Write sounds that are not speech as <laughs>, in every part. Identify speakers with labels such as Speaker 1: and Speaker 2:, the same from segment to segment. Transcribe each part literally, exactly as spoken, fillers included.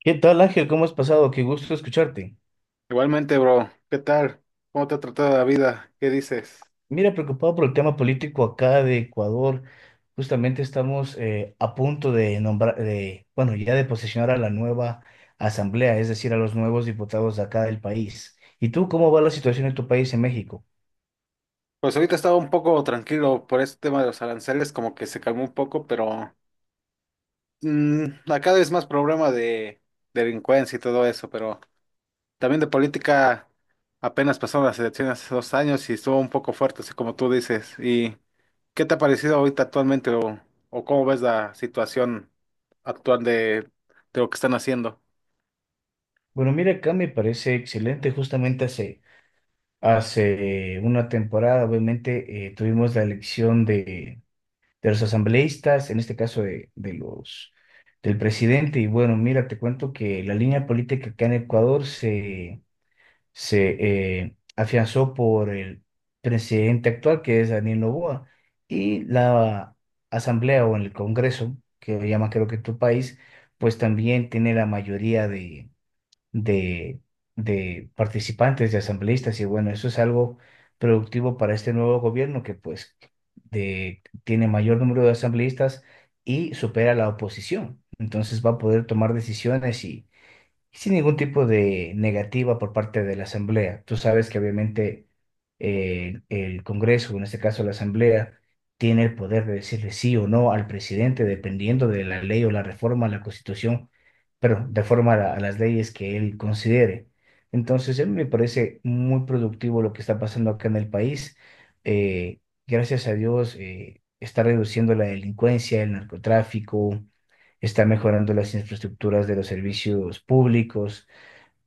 Speaker 1: ¿Qué tal, Ángel? ¿Cómo has pasado? Qué gusto escucharte.
Speaker 2: Igualmente, bro, ¿qué tal? ¿Cómo te ha tratado la vida? ¿Qué dices?
Speaker 1: Mira, preocupado por el tema político acá de Ecuador. Justamente estamos eh, a punto de nombrar, de, bueno, ya de posesionar a la nueva asamblea, es decir, a los nuevos diputados de acá del país. ¿Y tú cómo va la situación en tu país, en México?
Speaker 2: Pues ahorita estaba un poco tranquilo por este tema de los aranceles, como que se calmó un poco, pero mm, acá es más problema de delincuencia y todo eso, pero también de política. Apenas pasaron las elecciones hace dos años y estuvo un poco fuerte, así como tú dices. ¿Y qué te ha parecido ahorita actualmente, o, o cómo ves la situación actual de, de lo que están haciendo?
Speaker 1: Bueno, mira, acá me parece excelente. Justamente hace, hace una temporada, obviamente, eh, tuvimos la elección de de los asambleístas, en este caso de, de los, del presidente. Y bueno, mira, te cuento que la línea política acá en Ecuador se, se eh, afianzó por el presidente actual, que es Daniel Noboa, y la asamblea o el Congreso, que lo llama creo que tu país, pues también tiene la mayoría de de, de participantes, de asambleístas, y bueno, eso es algo productivo para este nuevo gobierno que pues de, tiene mayor número de asambleístas y supera a la oposición. Entonces va a poder tomar decisiones y sin ningún tipo de negativa por parte de la Asamblea. Tú sabes que obviamente eh, el Congreso, en este caso la Asamblea, tiene el poder de decirle sí o no al presidente dependiendo de la ley o la reforma a la Constitución, pero de forma a, a las leyes que él considere. Entonces, a mí me parece muy productivo lo que está pasando acá en el país. Eh, gracias a Dios, eh, está reduciendo la delincuencia, el narcotráfico está mejorando las infraestructuras de los servicios públicos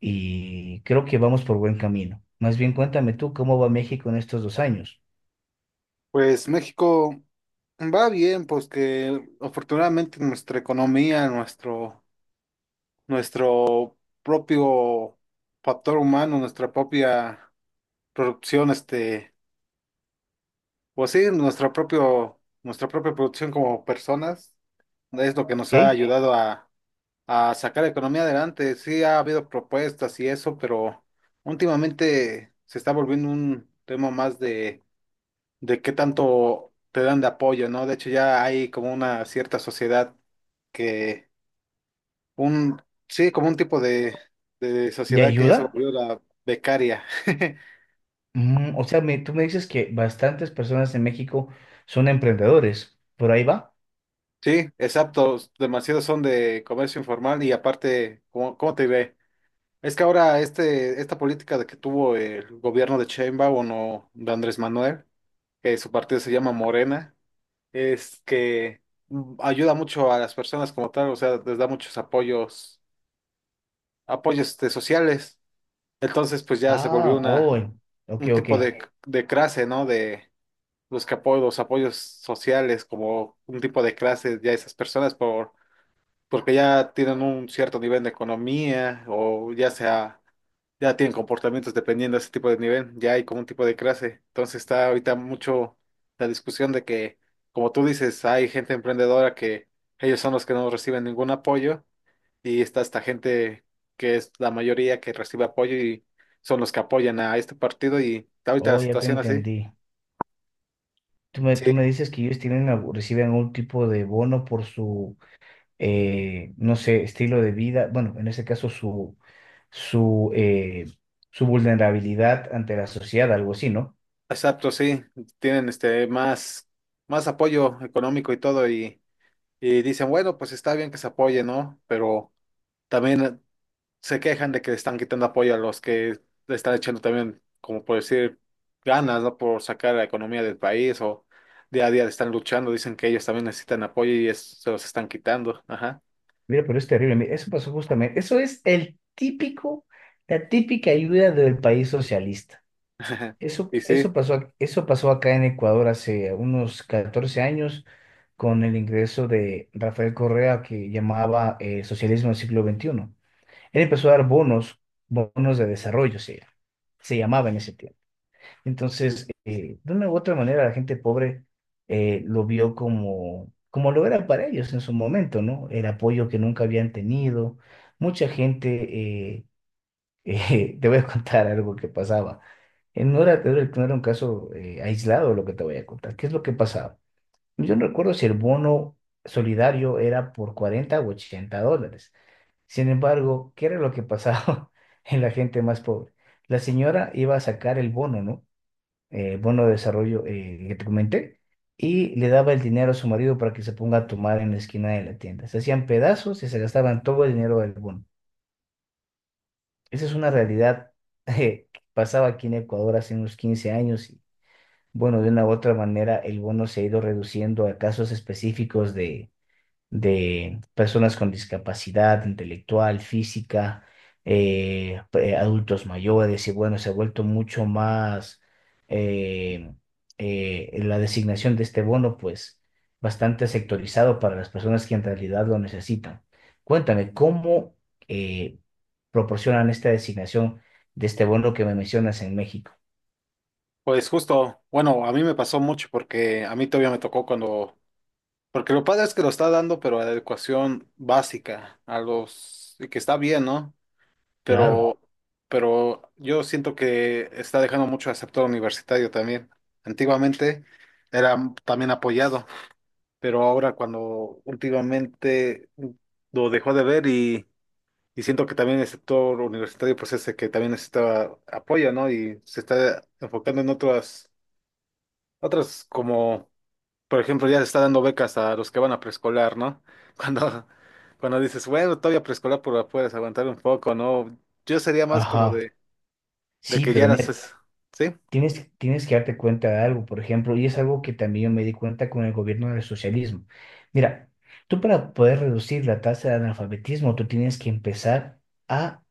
Speaker 1: y creo que vamos por buen camino. Más bien cuéntame tú cómo va México en estos dos años,
Speaker 2: Pues México va bien, pues que afortunadamente nuestra economía, nuestro, nuestro propio factor humano, nuestra propia producción, este, pues sí, nuestra propio, nuestra propia producción como personas, es lo que nos ha
Speaker 1: ¿ok?
Speaker 2: ayudado a, a sacar la economía adelante. Sí ha habido propuestas y eso, pero últimamente se está volviendo un tema más de, de qué tanto te dan de apoyo, ¿no? De hecho, ya hay como una cierta sociedad que un, sí, como un tipo de, de
Speaker 1: ¿De
Speaker 2: sociedad que ya Eh, se
Speaker 1: ayuda?
Speaker 2: volvió la becaria. <laughs>
Speaker 1: Mm, o sea, me- tú me dices que bastantes personas en México son emprendedores, ¿por ahí va?
Speaker 2: Sí, exacto. Demasiados son de comercio informal y aparte, ¿cómo, cómo te ve? Es que ahora este, esta política de que tuvo el gobierno de Sheinbaum o de Andrés Manuel, que su partido se llama Morena, es que mm, ayuda mucho a las personas como tal, o sea, les da muchos apoyos, apoyos este, sociales. Entonces, pues ya se volvió
Speaker 1: Ah,
Speaker 2: una,
Speaker 1: oh, ok,
Speaker 2: un
Speaker 1: ok,
Speaker 2: tipo de, de clase, ¿no? De los que apoyo, los apoyos sociales, como un tipo de clases ya esas personas por, porque ya tienen un cierto nivel de economía o ya sea, ya tienen comportamientos dependiendo de ese tipo de nivel, ya hay como un tipo de clase. Entonces está ahorita mucho la discusión de que, como tú dices, hay gente emprendedora que ellos son los que no reciben ningún apoyo y está esta gente que es la mayoría que recibe apoyo y son los que apoyan a este partido y está ahorita la
Speaker 1: oh, ya te
Speaker 2: situación así.
Speaker 1: entendí. Tú me, tú
Speaker 2: Sí.
Speaker 1: me dices que ellos tienen, algo- reciben algún tipo de bono por su eh, no sé, estilo de vida, bueno, en ese caso su, su, eh, su vulnerabilidad ante la sociedad, algo así, ¿no?
Speaker 2: Exacto, sí, tienen este más, más apoyo económico y todo, y, y dicen, bueno, pues está bien que se apoye, ¿no? Pero también eh, se quejan de que le están quitando apoyo a los que le están echando también, como por decir, ganas, ¿no? Por sacar la economía del país o día a día le están luchando, dicen que ellos también necesitan apoyo y es- se los están quitando, ajá.
Speaker 1: Mira, pero es terrible, mira, eso pasó justamente, eso es el típico, la típica ayuda del país socialista.
Speaker 2: <laughs>
Speaker 1: Eso,
Speaker 2: Y sí,
Speaker 1: eso pasó, ac- eso pasó acá en Ecuador hace unos catorce años con el ingreso de Rafael Correa que llamaba eh, socialismo del siglo veintiuno. Él empezó a dar bonos, bonos de desarrollo, se, se llamaba en ese tiempo. Entonces, eh, de una u otra manera, la gente pobre eh, lo vio como, como lo era para ellos en su momento, ¿no? El apoyo que nunca habían tenido. Mucha gente, eh, <laughs> eh, te voy a contar algo que pasaba. Eh, No era, no era no era un caso eh, aislado lo que te voy a contar. ¿Qué es lo que pasaba? Yo no recuerdo si el bono solidario era por cuarenta o ochenta dólares. Sin embargo, ¿qué era lo que pasaba <laughs> en la gente más pobre? La señora iba a sacar el bono, ¿no? eh, bono de desarrollo eh, que te comenté, y le daba el dinero a su marido para que se ponga a tomar en la esquina de la tienda. Se hacían pedazos y se gastaban todo el dinero del bono. Esa es una realidad <laughs> eh, que pasaba aquí en Ecuador hace unos quince años y bueno, de una u otra manera el bono se ha ido reduciendo a casos específicos de de personas con discapacidad intelectual, física, eh, pe- adultos mayores, y bueno, se ha vuelto mucho más eh, eh, la designación de este bono, pues bastante sectorizado para las personas que en realidad lo necesitan. Cuéntame, ¿cómo eh, proporcionan esta designación de este bono que me mencionas en México?
Speaker 2: pues justo, bueno, a mí me pasó mucho porque a mí todavía me tocó cuando. Porque lo padre es que lo está dando, pero a la educación básica, a los, y que está bien, ¿no?
Speaker 1: Claro.
Speaker 2: Pero, pero yo siento que está dejando mucho al sector universitario también. Antiguamente era también apoyado, pero ahora cuando últimamente lo dejó de ver y, y siento que también el sector universitario pues ese que también necesitaba apoyo, ¿no? Y se está enfocando en otras, otras como por ejemplo, ya se está dando becas a los que van a preescolar, ¿no? <laughs> Cuando, cuando dices, bueno, todavía preescolar pero puedes aguantar un poco, ¿no? Yo sería más como
Speaker 1: Ajá.
Speaker 2: de, de
Speaker 1: Sí,
Speaker 2: que ya
Speaker 1: pero
Speaker 2: las
Speaker 1: mira.
Speaker 2: es- ¿sí?
Speaker 1: Tienes, tienes que darte cuenta de algo, por ejemplo, y es algo que también yo me di cuenta con el gobierno del socialismo. Mira, tú para poder reducir la tasa de analfabetismo, tú tienes que empezar a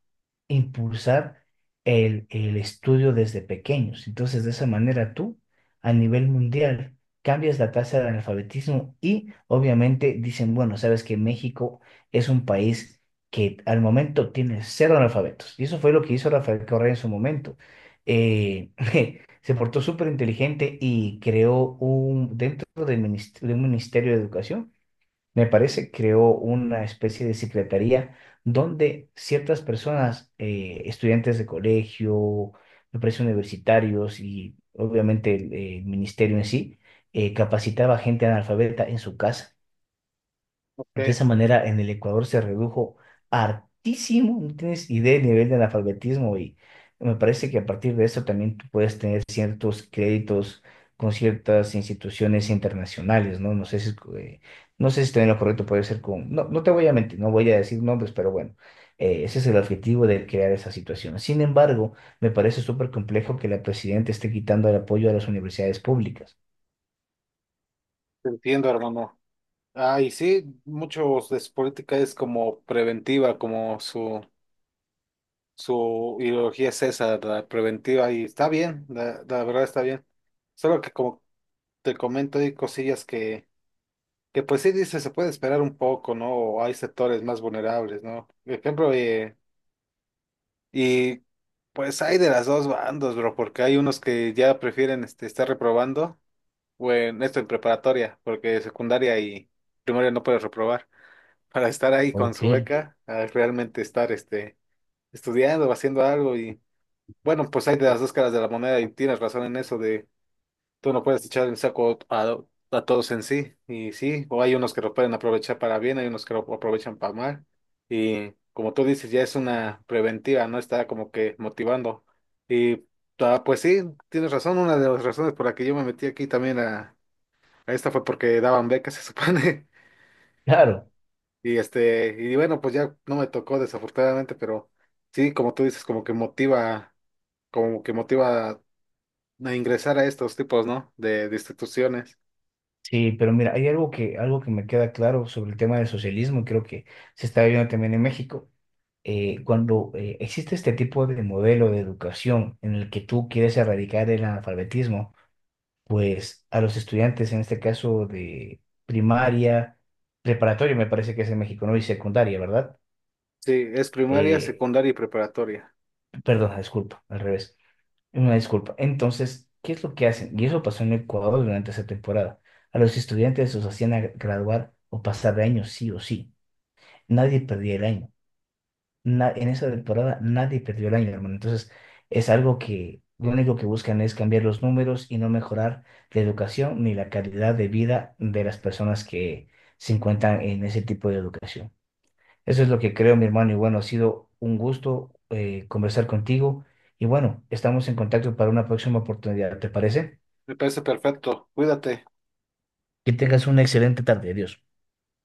Speaker 1: impulsar el, el estudio desde pequeños. Entonces, de esa manera tú, a nivel mundial, cambias la tasa de analfabetismo y obviamente dicen, bueno, sabes que México es un país que al momento tiene cero analfabetos. Y eso fue lo que hizo Rafael Correa en su momento. Eh, se portó súper inteligente y creó un, dentro del minist- de un ministerio de educación, me parece, creó una especie de secretaría donde ciertas personas, eh, estudiantes de colegio, me parece universitarios y obviamente el, eh, ministerio en sí, eh, capacitaba gente analfabeta en su casa.
Speaker 2: Ok,
Speaker 1: De esa
Speaker 2: te
Speaker 1: manera, en el Ecuador se redujo hartísimo, no tienes idea del nivel de analfabetismo y me parece que a partir de eso también tú puedes tener ciertos créditos con ciertas instituciones internacionales, ¿no? No sé si, es co- eh, no sé si estoy en lo correcto, puede ser con... No, no te voy a mentir, no voy a decir nombres, pero bueno, eh, ese es el objetivo de crear esa situación. Sin embargo, me parece súper complejo que la presidenta esté quitando el apoyo a las universidades públicas.
Speaker 2: entiendo, hermano. Ah, y sí, muchos de su política es como preventiva, como su, su ideología es esa, la preventiva, y está bien, la, la verdad está bien. Solo que como te comento, hay cosillas que. Que pues sí dice, se puede esperar un poco, ¿no? O hay sectores más vulnerables, ¿no? Por ejemplo, eh, y pues hay de las dos bandos, bro, porque hay unos que ya prefieren este, estar reprobando, o en esto en preparatoria, porque secundaria y primaria no puedes reprobar, para estar ahí con
Speaker 1: Ok,
Speaker 2: su beca, a realmente estar este, estudiando o haciendo algo. Y bueno, pues hay de las dos caras de la moneda y tienes razón en eso de... Tú no puedes echar el saco a, a todos en sí, y sí, o hay unos que lo pueden aprovechar para bien, hay unos que lo aprovechan para mal, y como tú dices, ya es una preventiva, ¿no? Está como que motivando. Y ah, pues sí, tienes razón, una de las razones por la que yo me metí aquí también a, a esta fue porque daban becas, se supone,
Speaker 1: claro.
Speaker 2: <laughs> y este, y bueno, pues ya no me tocó desafortunadamente, pero sí, como tú dices, como que motiva, como que motiva a, a ingresar a estos tipos, ¿no? De, de instituciones.
Speaker 1: Sí, pero mira, hay algo que, algo que me queda claro sobre el tema del socialismo, y creo que se está viendo también en México. Eh, cuando eh, existe este tipo de modelo de educación en el que tú quieres erradicar el analfabetismo, pues a los estudiantes, en este caso de primaria, preparatoria, me parece que es en México, ¿no? Y secundaria, ¿verdad?
Speaker 2: Sí, es primaria,
Speaker 1: Eh,
Speaker 2: secundaria y preparatoria.
Speaker 1: perdón, disculpa, al revés. Una disculpa. Entonces, ¿qué es lo que hacen? Y eso pasó en Ecuador durante esa temporada. A los estudiantes los hacían a- graduar o pasar de año sí o sí. Nadie perdía el año. Na- en esa temporada nadie perdió el año, hermano. Entonces, es algo que lo único que buscan es cambiar los números y no mejorar la educación ni la calidad de vida de las personas que se encuentran en ese tipo de educación. Eso es lo que creo, mi hermano. Y bueno, ha sido un gusto eh, conversar contigo. Y bueno, estamos en contacto para una próxima oportunidad, ¿te parece?
Speaker 2: Me parece perfecto. Cuídate.
Speaker 1: Que tengas una excelente tarde. Adiós.